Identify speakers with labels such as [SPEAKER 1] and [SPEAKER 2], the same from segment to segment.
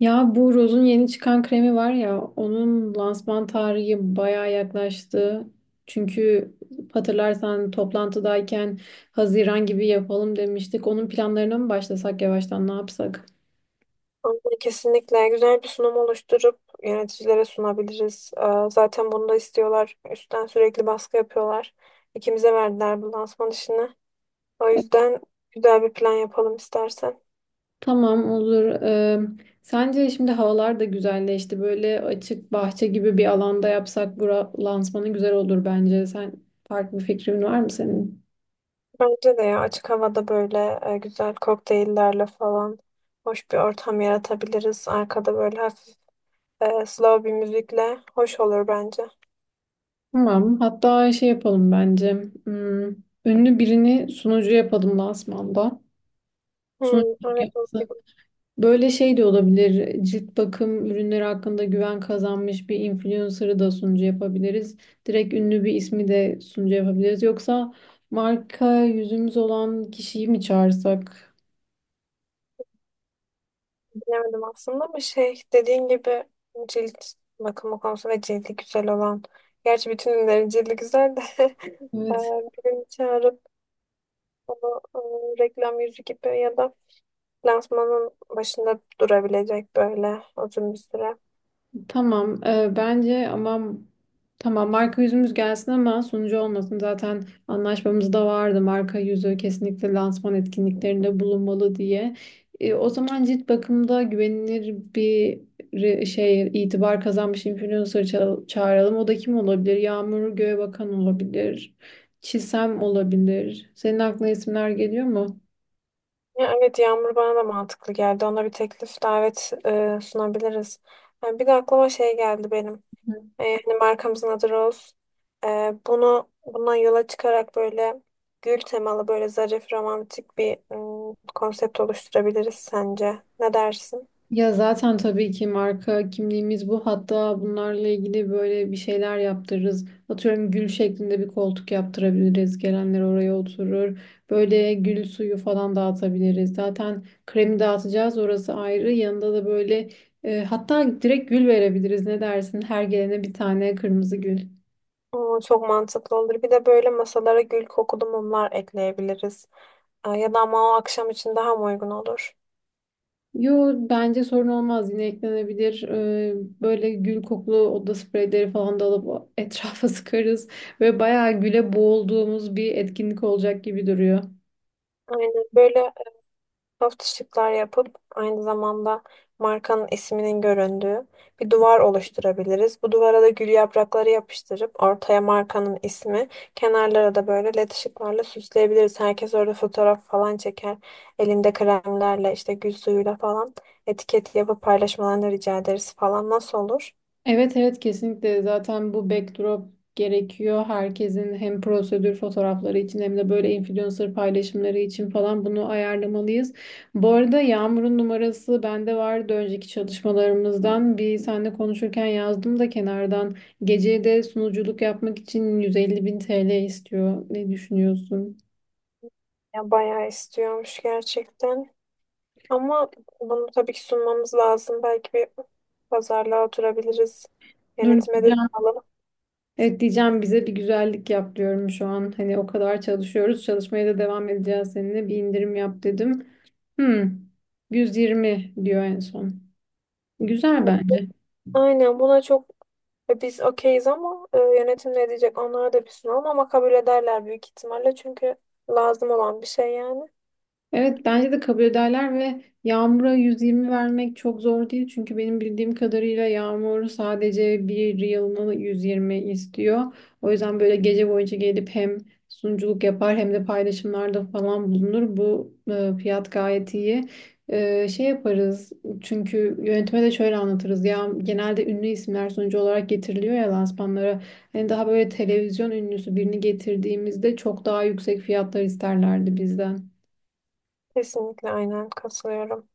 [SPEAKER 1] Ya bu Rose'un yeni çıkan kremi var ya onun lansman tarihi bayağı yaklaştı. Çünkü hatırlarsan toplantıdayken Haziran gibi yapalım demiştik. Onun planlarına mı başlasak yavaştan ne yapsak?
[SPEAKER 2] Aynen, kesinlikle güzel bir sunum oluşturup yöneticilere sunabiliriz. Zaten bunu da istiyorlar. Üstten sürekli baskı yapıyorlar. İkimize verdiler bu lansman işini. O yüzden güzel bir plan yapalım istersen.
[SPEAKER 1] Tamam olur. Sence şimdi havalar da güzelleşti. Böyle açık bahçe gibi bir alanda yapsak bura lansmanı güzel olur bence. Sen farklı bir fikrin var mı senin?
[SPEAKER 2] Bence de ya açık havada böyle güzel kokteyllerle falan hoş bir ortam yaratabiliriz. Arkada böyle hafif slow bir müzikle hoş olur bence.
[SPEAKER 1] Tamam. Hatta şey yapalım bence. Hmm, ünlü birini sunucu yapalım lansmanda.
[SPEAKER 2] Hmm,
[SPEAKER 1] Sunuculuk
[SPEAKER 2] evet,
[SPEAKER 1] yapması. Böyle şey de olabilir. Cilt bakım ürünleri hakkında güven kazanmış bir influencer'ı da sunucu yapabiliriz. Direkt ünlü bir ismi de sunucu yapabiliriz. Yoksa marka yüzümüz olan kişiyi mi çağırsak?
[SPEAKER 2] bilemedim aslında ama şey dediğin gibi cilt bakımı konusu ve cildi güzel olan. Gerçi bütün ürünlerin cildi güzel de
[SPEAKER 1] Evet.
[SPEAKER 2] birini çağırıp onu reklam yüzü gibi ya da lansmanın başında durabilecek böyle uzun bir süre.
[SPEAKER 1] Tamam, bence ama tamam marka yüzümüz gelsin ama sunucu olmasın. Zaten anlaşmamızda vardı marka yüzü kesinlikle lansman etkinliklerinde bulunmalı diye. O zaman cilt bakımda güvenilir bir şey itibar kazanmış influencer çağıralım. O da kim olabilir? Yağmur Göğebakan olabilir. Çisem olabilir. Senin aklına isimler geliyor mu?
[SPEAKER 2] Ya evet, Yağmur bana da mantıklı geldi. Ona bir teklif davet sunabiliriz. Ha, bir de aklıma şey geldi benim. Hani markamızın adı Rose. E, bunu Bundan yola çıkarak böyle gül temalı böyle zarif romantik bir konsept oluşturabiliriz sence. Ne dersin?
[SPEAKER 1] Ya zaten tabii ki marka kimliğimiz bu. Hatta bunlarla ilgili böyle bir şeyler yaptırırız. Atıyorum gül şeklinde bir koltuk yaptırabiliriz. Gelenler oraya oturur. Böyle gül suyu falan dağıtabiliriz. Zaten kremi dağıtacağız orası ayrı. Yanında da böyle hatta direkt gül verebiliriz. Ne dersin? Her gelene bir tane kırmızı gül.
[SPEAKER 2] Oo, çok mantıklı olur. Bir de böyle masalara gül kokulu mumlar ekleyebiliriz. Ya da ama o akşam için daha mı uygun olur?
[SPEAKER 1] Yo bence sorun olmaz yine eklenebilir. Böyle gül kokulu oda spreyleri falan da alıp etrafa sıkarız. Ve bayağı güle boğulduğumuz bir etkinlik olacak gibi duruyor.
[SPEAKER 2] Aynen böyle şıklar yapıp aynı zamanda markanın isminin göründüğü bir duvar oluşturabiliriz. Bu duvara da gül yaprakları yapıştırıp ortaya markanın ismi, kenarlara da böyle led ışıklarla süsleyebiliriz. Herkes orada fotoğraf falan çeker. Elinde kremlerle işte gül suyuyla falan etiket yapıp paylaşmalarını rica ederiz falan. Nasıl olur?
[SPEAKER 1] Evet, evet, kesinlikle zaten bu backdrop gerekiyor. Herkesin hem prosedür fotoğrafları için hem de böyle influencer paylaşımları için falan bunu ayarlamalıyız. Bu arada Yağmur'un numarası bende vardı önceki çalışmalarımızdan. Bir seninle konuşurken yazdım da kenardan. Geceye de sunuculuk yapmak için 150 bin TL istiyor. Ne düşünüyorsun?
[SPEAKER 2] Ya bayağı istiyormuş gerçekten. Ama bunu tabii ki sunmamız lazım. Belki bir pazarlığa oturabiliriz.
[SPEAKER 1] Dur
[SPEAKER 2] Yönetime de
[SPEAKER 1] diyeceğim.
[SPEAKER 2] alalım.
[SPEAKER 1] Evet diyeceğim, bize bir güzellik yap diyorum şu an. Hani o kadar çalışıyoruz. Çalışmaya da devam edeceğiz seninle. Bir indirim yap dedim. Hmm, 120 diyor en son. Güzel bence.
[SPEAKER 2] Aynen, buna çok biz okeyiz ama yönetim ne diyecek, onlara da bir sunalım ama kabul ederler büyük ihtimalle çünkü lazım olan bir şey yani.
[SPEAKER 1] Evet bence de kabul ederler ve Yağmur'a 120 vermek çok zor değil. Çünkü benim bildiğim kadarıyla Yağmur sadece bir yılını 120 istiyor. O yüzden böyle gece boyunca gelip hem sunuculuk yapar hem de paylaşımlarda falan bulunur. Bu fiyat gayet iyi. Şey yaparız çünkü yönetime de şöyle anlatırız. Ya genelde ünlü isimler sunucu olarak getiriliyor ya lansmanlara. Hani daha böyle televizyon ünlüsü birini getirdiğimizde çok daha yüksek fiyatlar isterlerdi bizden.
[SPEAKER 2] Kesinlikle aynen katılıyorum.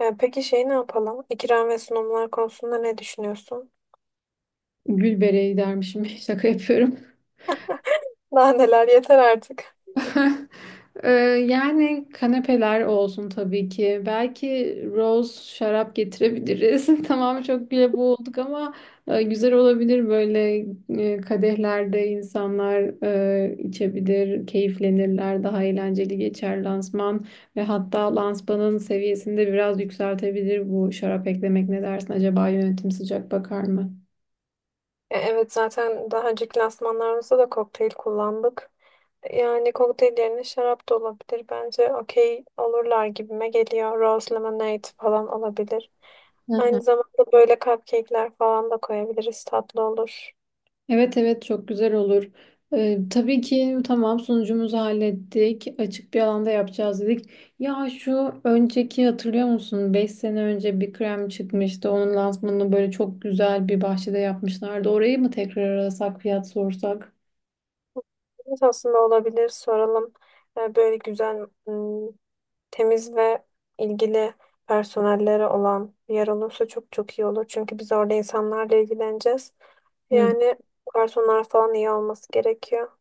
[SPEAKER 2] Peki şey ne yapalım? İkram ve sunumlar konusunda ne düşünüyorsun?
[SPEAKER 1] Gül bereyi dermişim. Şaka yapıyorum.
[SPEAKER 2] Daha neler, yeter artık.
[SPEAKER 1] Ee, yani kanepeler olsun tabii ki. Belki rose şarap getirebiliriz. Tamam çok güle boğulduk ama güzel olabilir, böyle kadehlerde insanlar içebilir, keyiflenirler, daha eğlenceli geçer lansman ve hatta lansmanın seviyesini de biraz yükseltebilir bu şarap eklemek. Ne dersin, acaba yönetim sıcak bakar mı?
[SPEAKER 2] Evet, zaten daha önceki lansmanlarımızda da kokteyl kullandık. Yani kokteyl yerine şarap da olabilir. Bence okey olurlar gibime geliyor. Rose lemonade falan olabilir. Aynı zamanda böyle cupcake'ler falan da koyabiliriz. Tatlı olur.
[SPEAKER 1] Evet, evet, çok güzel olur. Tabii ki, tamam, sunucumuzu hallettik. Açık bir alanda yapacağız dedik. Ya şu önceki hatırlıyor musun? 5 sene önce bir krem çıkmıştı. Onun lansmanını böyle çok güzel bir bahçede yapmışlardı. Orayı mı tekrar arasak, fiyat sorsak?
[SPEAKER 2] Evet, aslında olabilir. Soralım. Böyle güzel, temiz ve ilgili personelleri olan bir yer olursa çok çok iyi olur. Çünkü biz orada insanlarla ilgileneceğiz. Yani personel falan iyi olması gerekiyor.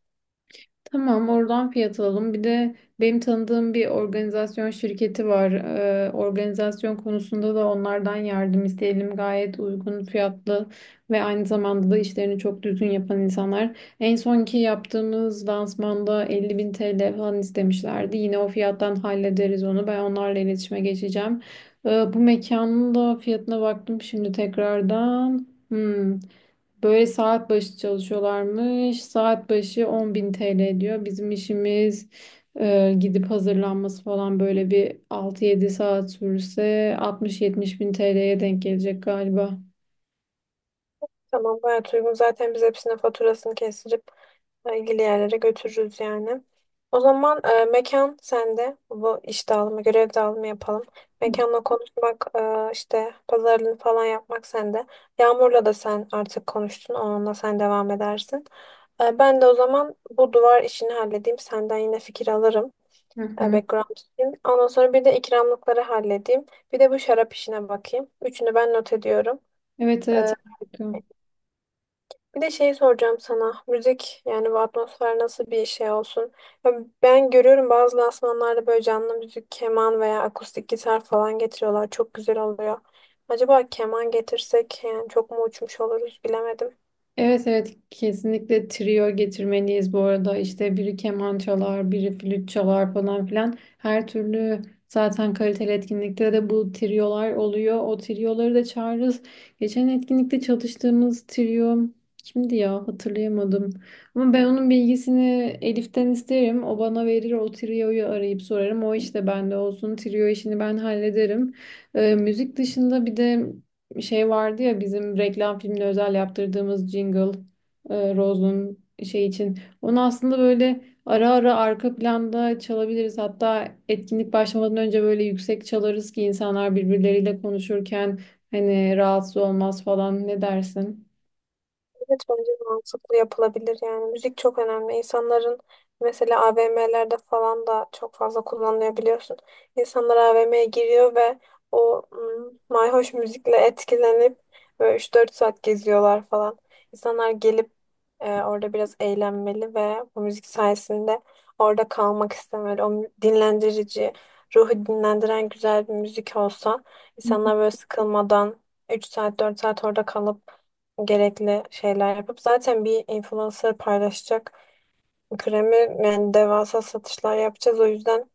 [SPEAKER 1] Tamam, oradan fiyat alalım. Bir de benim tanıdığım bir organizasyon şirketi var. Organizasyon konusunda da onlardan yardım isteyelim. Gayet uygun fiyatlı ve aynı zamanda da işlerini çok düzgün yapan insanlar. En sonki yaptığımız lansmanda 50 bin TL falan istemişlerdi. Yine o fiyattan hallederiz onu. Ben onlarla iletişime geçeceğim. Bu mekanın da fiyatına baktım şimdi tekrardan. Hmm. Böyle saat başı çalışıyorlarmış. Saat başı 10.000 TL diyor. Bizim işimiz gidip hazırlanması falan böyle bir 6-7 saat sürse altmış 70 bin TL'ye denk gelecek galiba.
[SPEAKER 2] Tamam, gayet uygun. Zaten biz hepsine faturasını kestirip ilgili yerlere götürürüz yani. O zaman mekan sende. Bu iş dağılımı, görev dağılımı yapalım. Mekanla konuşmak, işte pazarlığını falan yapmak sende. Yağmur'la da sen artık konuştun. Onunla sen devam edersin. Ben de o zaman bu duvar işini halledeyim. Senden yine fikir alırım.
[SPEAKER 1] Hı hı.
[SPEAKER 2] Background için. Ondan sonra bir de ikramlıkları halledeyim. Bir de bu şarap işine bakayım. Üçünü ben not ediyorum.
[SPEAKER 1] Evet,
[SPEAKER 2] E,
[SPEAKER 1] evet. Harika.
[SPEAKER 2] Bir de şey soracağım sana. Müzik yani bu atmosfer nasıl bir şey olsun? Ya ben görüyorum bazı lansmanlarda böyle canlı müzik, keman veya akustik gitar falan getiriyorlar. Çok güzel oluyor. Acaba keman getirsek, yani çok mu uçmuş oluruz bilemedim.
[SPEAKER 1] Evet, evet, kesinlikle trio getirmeliyiz. Bu arada işte biri keman çalar biri flüt çalar falan filan, her türlü zaten kaliteli etkinlikte de bu triolar oluyor, o trioları da çağırırız. Geçen etkinlikte çalıştığımız trio kimdi ya, hatırlayamadım ama ben onun bilgisini Elif'ten isterim, o bana verir, o trioyu arayıp sorarım. O işte bende olsun, trio işini ben hallederim. Müzik dışında bir de şey vardı ya, bizim reklam filmine özel yaptırdığımız jingle Rose'un şey için. Onu aslında böyle ara ara arka planda çalabiliriz. Hatta etkinlik başlamadan önce böyle yüksek çalarız ki insanlar birbirleriyle konuşurken hani rahatsız olmaz falan. Ne dersin?
[SPEAKER 2] Evet, bence de mantıklı, yapılabilir yani. Müzik çok önemli. İnsanların mesela AVM'lerde falan da çok fazla kullanılıyor, biliyorsun. İnsanlar AVM'ye giriyor ve o mayhoş müzikle etkilenip böyle 3 4 saat geziyorlar falan. İnsanlar gelip orada biraz eğlenmeli ve bu müzik sayesinde orada kalmak istemeli. Dinlendirici, ruhu dinlendiren güzel bir müzik olsa insanlar böyle sıkılmadan 3 saat 4 saat orada kalıp gerekli şeyler yapıp zaten bir influencer paylaşacak kremi, yani devasa satışlar yapacağız. O yüzden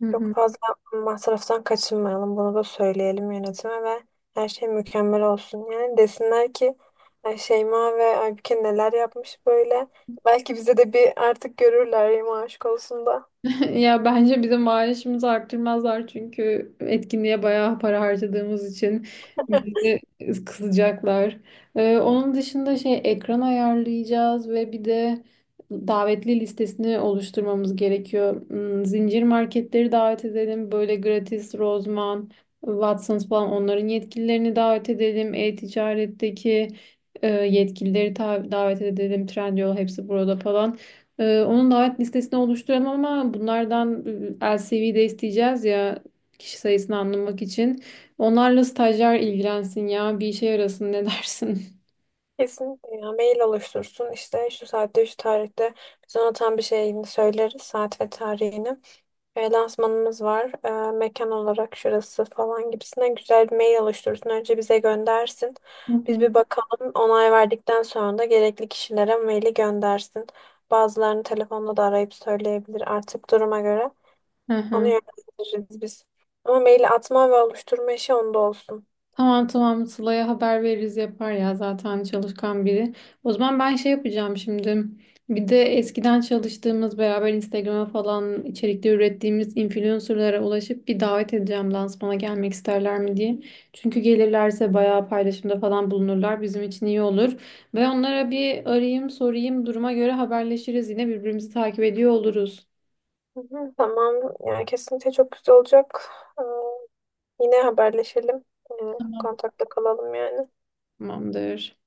[SPEAKER 1] Hı
[SPEAKER 2] çok
[SPEAKER 1] hı.
[SPEAKER 2] fazla masraftan kaçınmayalım. Bunu da söyleyelim yönetime ve her şey mükemmel olsun. Yani desinler ki "Ay, Şeyma ve Aybüke neler yapmış böyle." Belki bize de bir artık görürler Şeyma, aşk olsun da.
[SPEAKER 1] Ya bence bizim maaşımızı arttırmazlar çünkü etkinliğe bayağı para harcadığımız için bizi kızacaklar. Onun dışında şey ekran ayarlayacağız ve bir de davetli listesini oluşturmamız gerekiyor. Zincir marketleri davet edelim. Böyle Gratis, Rozman, Watsons falan, onların yetkililerini davet edelim. E-ticaretteki yetkilileri davet edelim. Trendyol, hepsi burada falan. Onun davet listesini oluşturalım ama bunlardan LCV de isteyeceğiz ya, kişi sayısını anlamak için. Onlarla stajyer ilgilensin, ya bir işe yarasın, ne dersin?
[SPEAKER 2] Kesinlikle, ya mail oluştursun, işte şu saatte şu tarihte, biz ona tam bir şeyini söyleriz, saat ve tarihini. Lansmanımız var. Mekan olarak şurası falan gibisine güzel bir mail oluşturursun. Önce bize göndersin.
[SPEAKER 1] Hı
[SPEAKER 2] Biz
[SPEAKER 1] hı.
[SPEAKER 2] bir bakalım. Onay verdikten sonra da gerekli kişilere maili göndersin. Bazılarını telefonla da arayıp söyleyebilir artık duruma göre.
[SPEAKER 1] Hı
[SPEAKER 2] Onu
[SPEAKER 1] hı.
[SPEAKER 2] yönlendiririz biz. Ama maili atma ve oluşturma işi onda olsun.
[SPEAKER 1] Tamam, tamam, Sıla'ya haber veririz, yapar ya, zaten çalışkan biri. O zaman ben şey yapacağım şimdi. Bir de eskiden çalıştığımız, beraber Instagram'a falan içerikte ürettiğimiz influencerlara ulaşıp bir davet edeceğim lansmana, gelmek isterler mi diye. Çünkü gelirlerse bayağı paylaşımda falan bulunurlar, bizim için iyi olur. Ve onlara bir arayayım sorayım, duruma göre haberleşiriz, yine birbirimizi takip ediyor oluruz.
[SPEAKER 2] Hı hı, tamam. Yani kesinlikle çok güzel olacak. Yine haberleşelim. E,
[SPEAKER 1] Tamam.
[SPEAKER 2] Kontakta kalalım yani.
[SPEAKER 1] Tamamdır.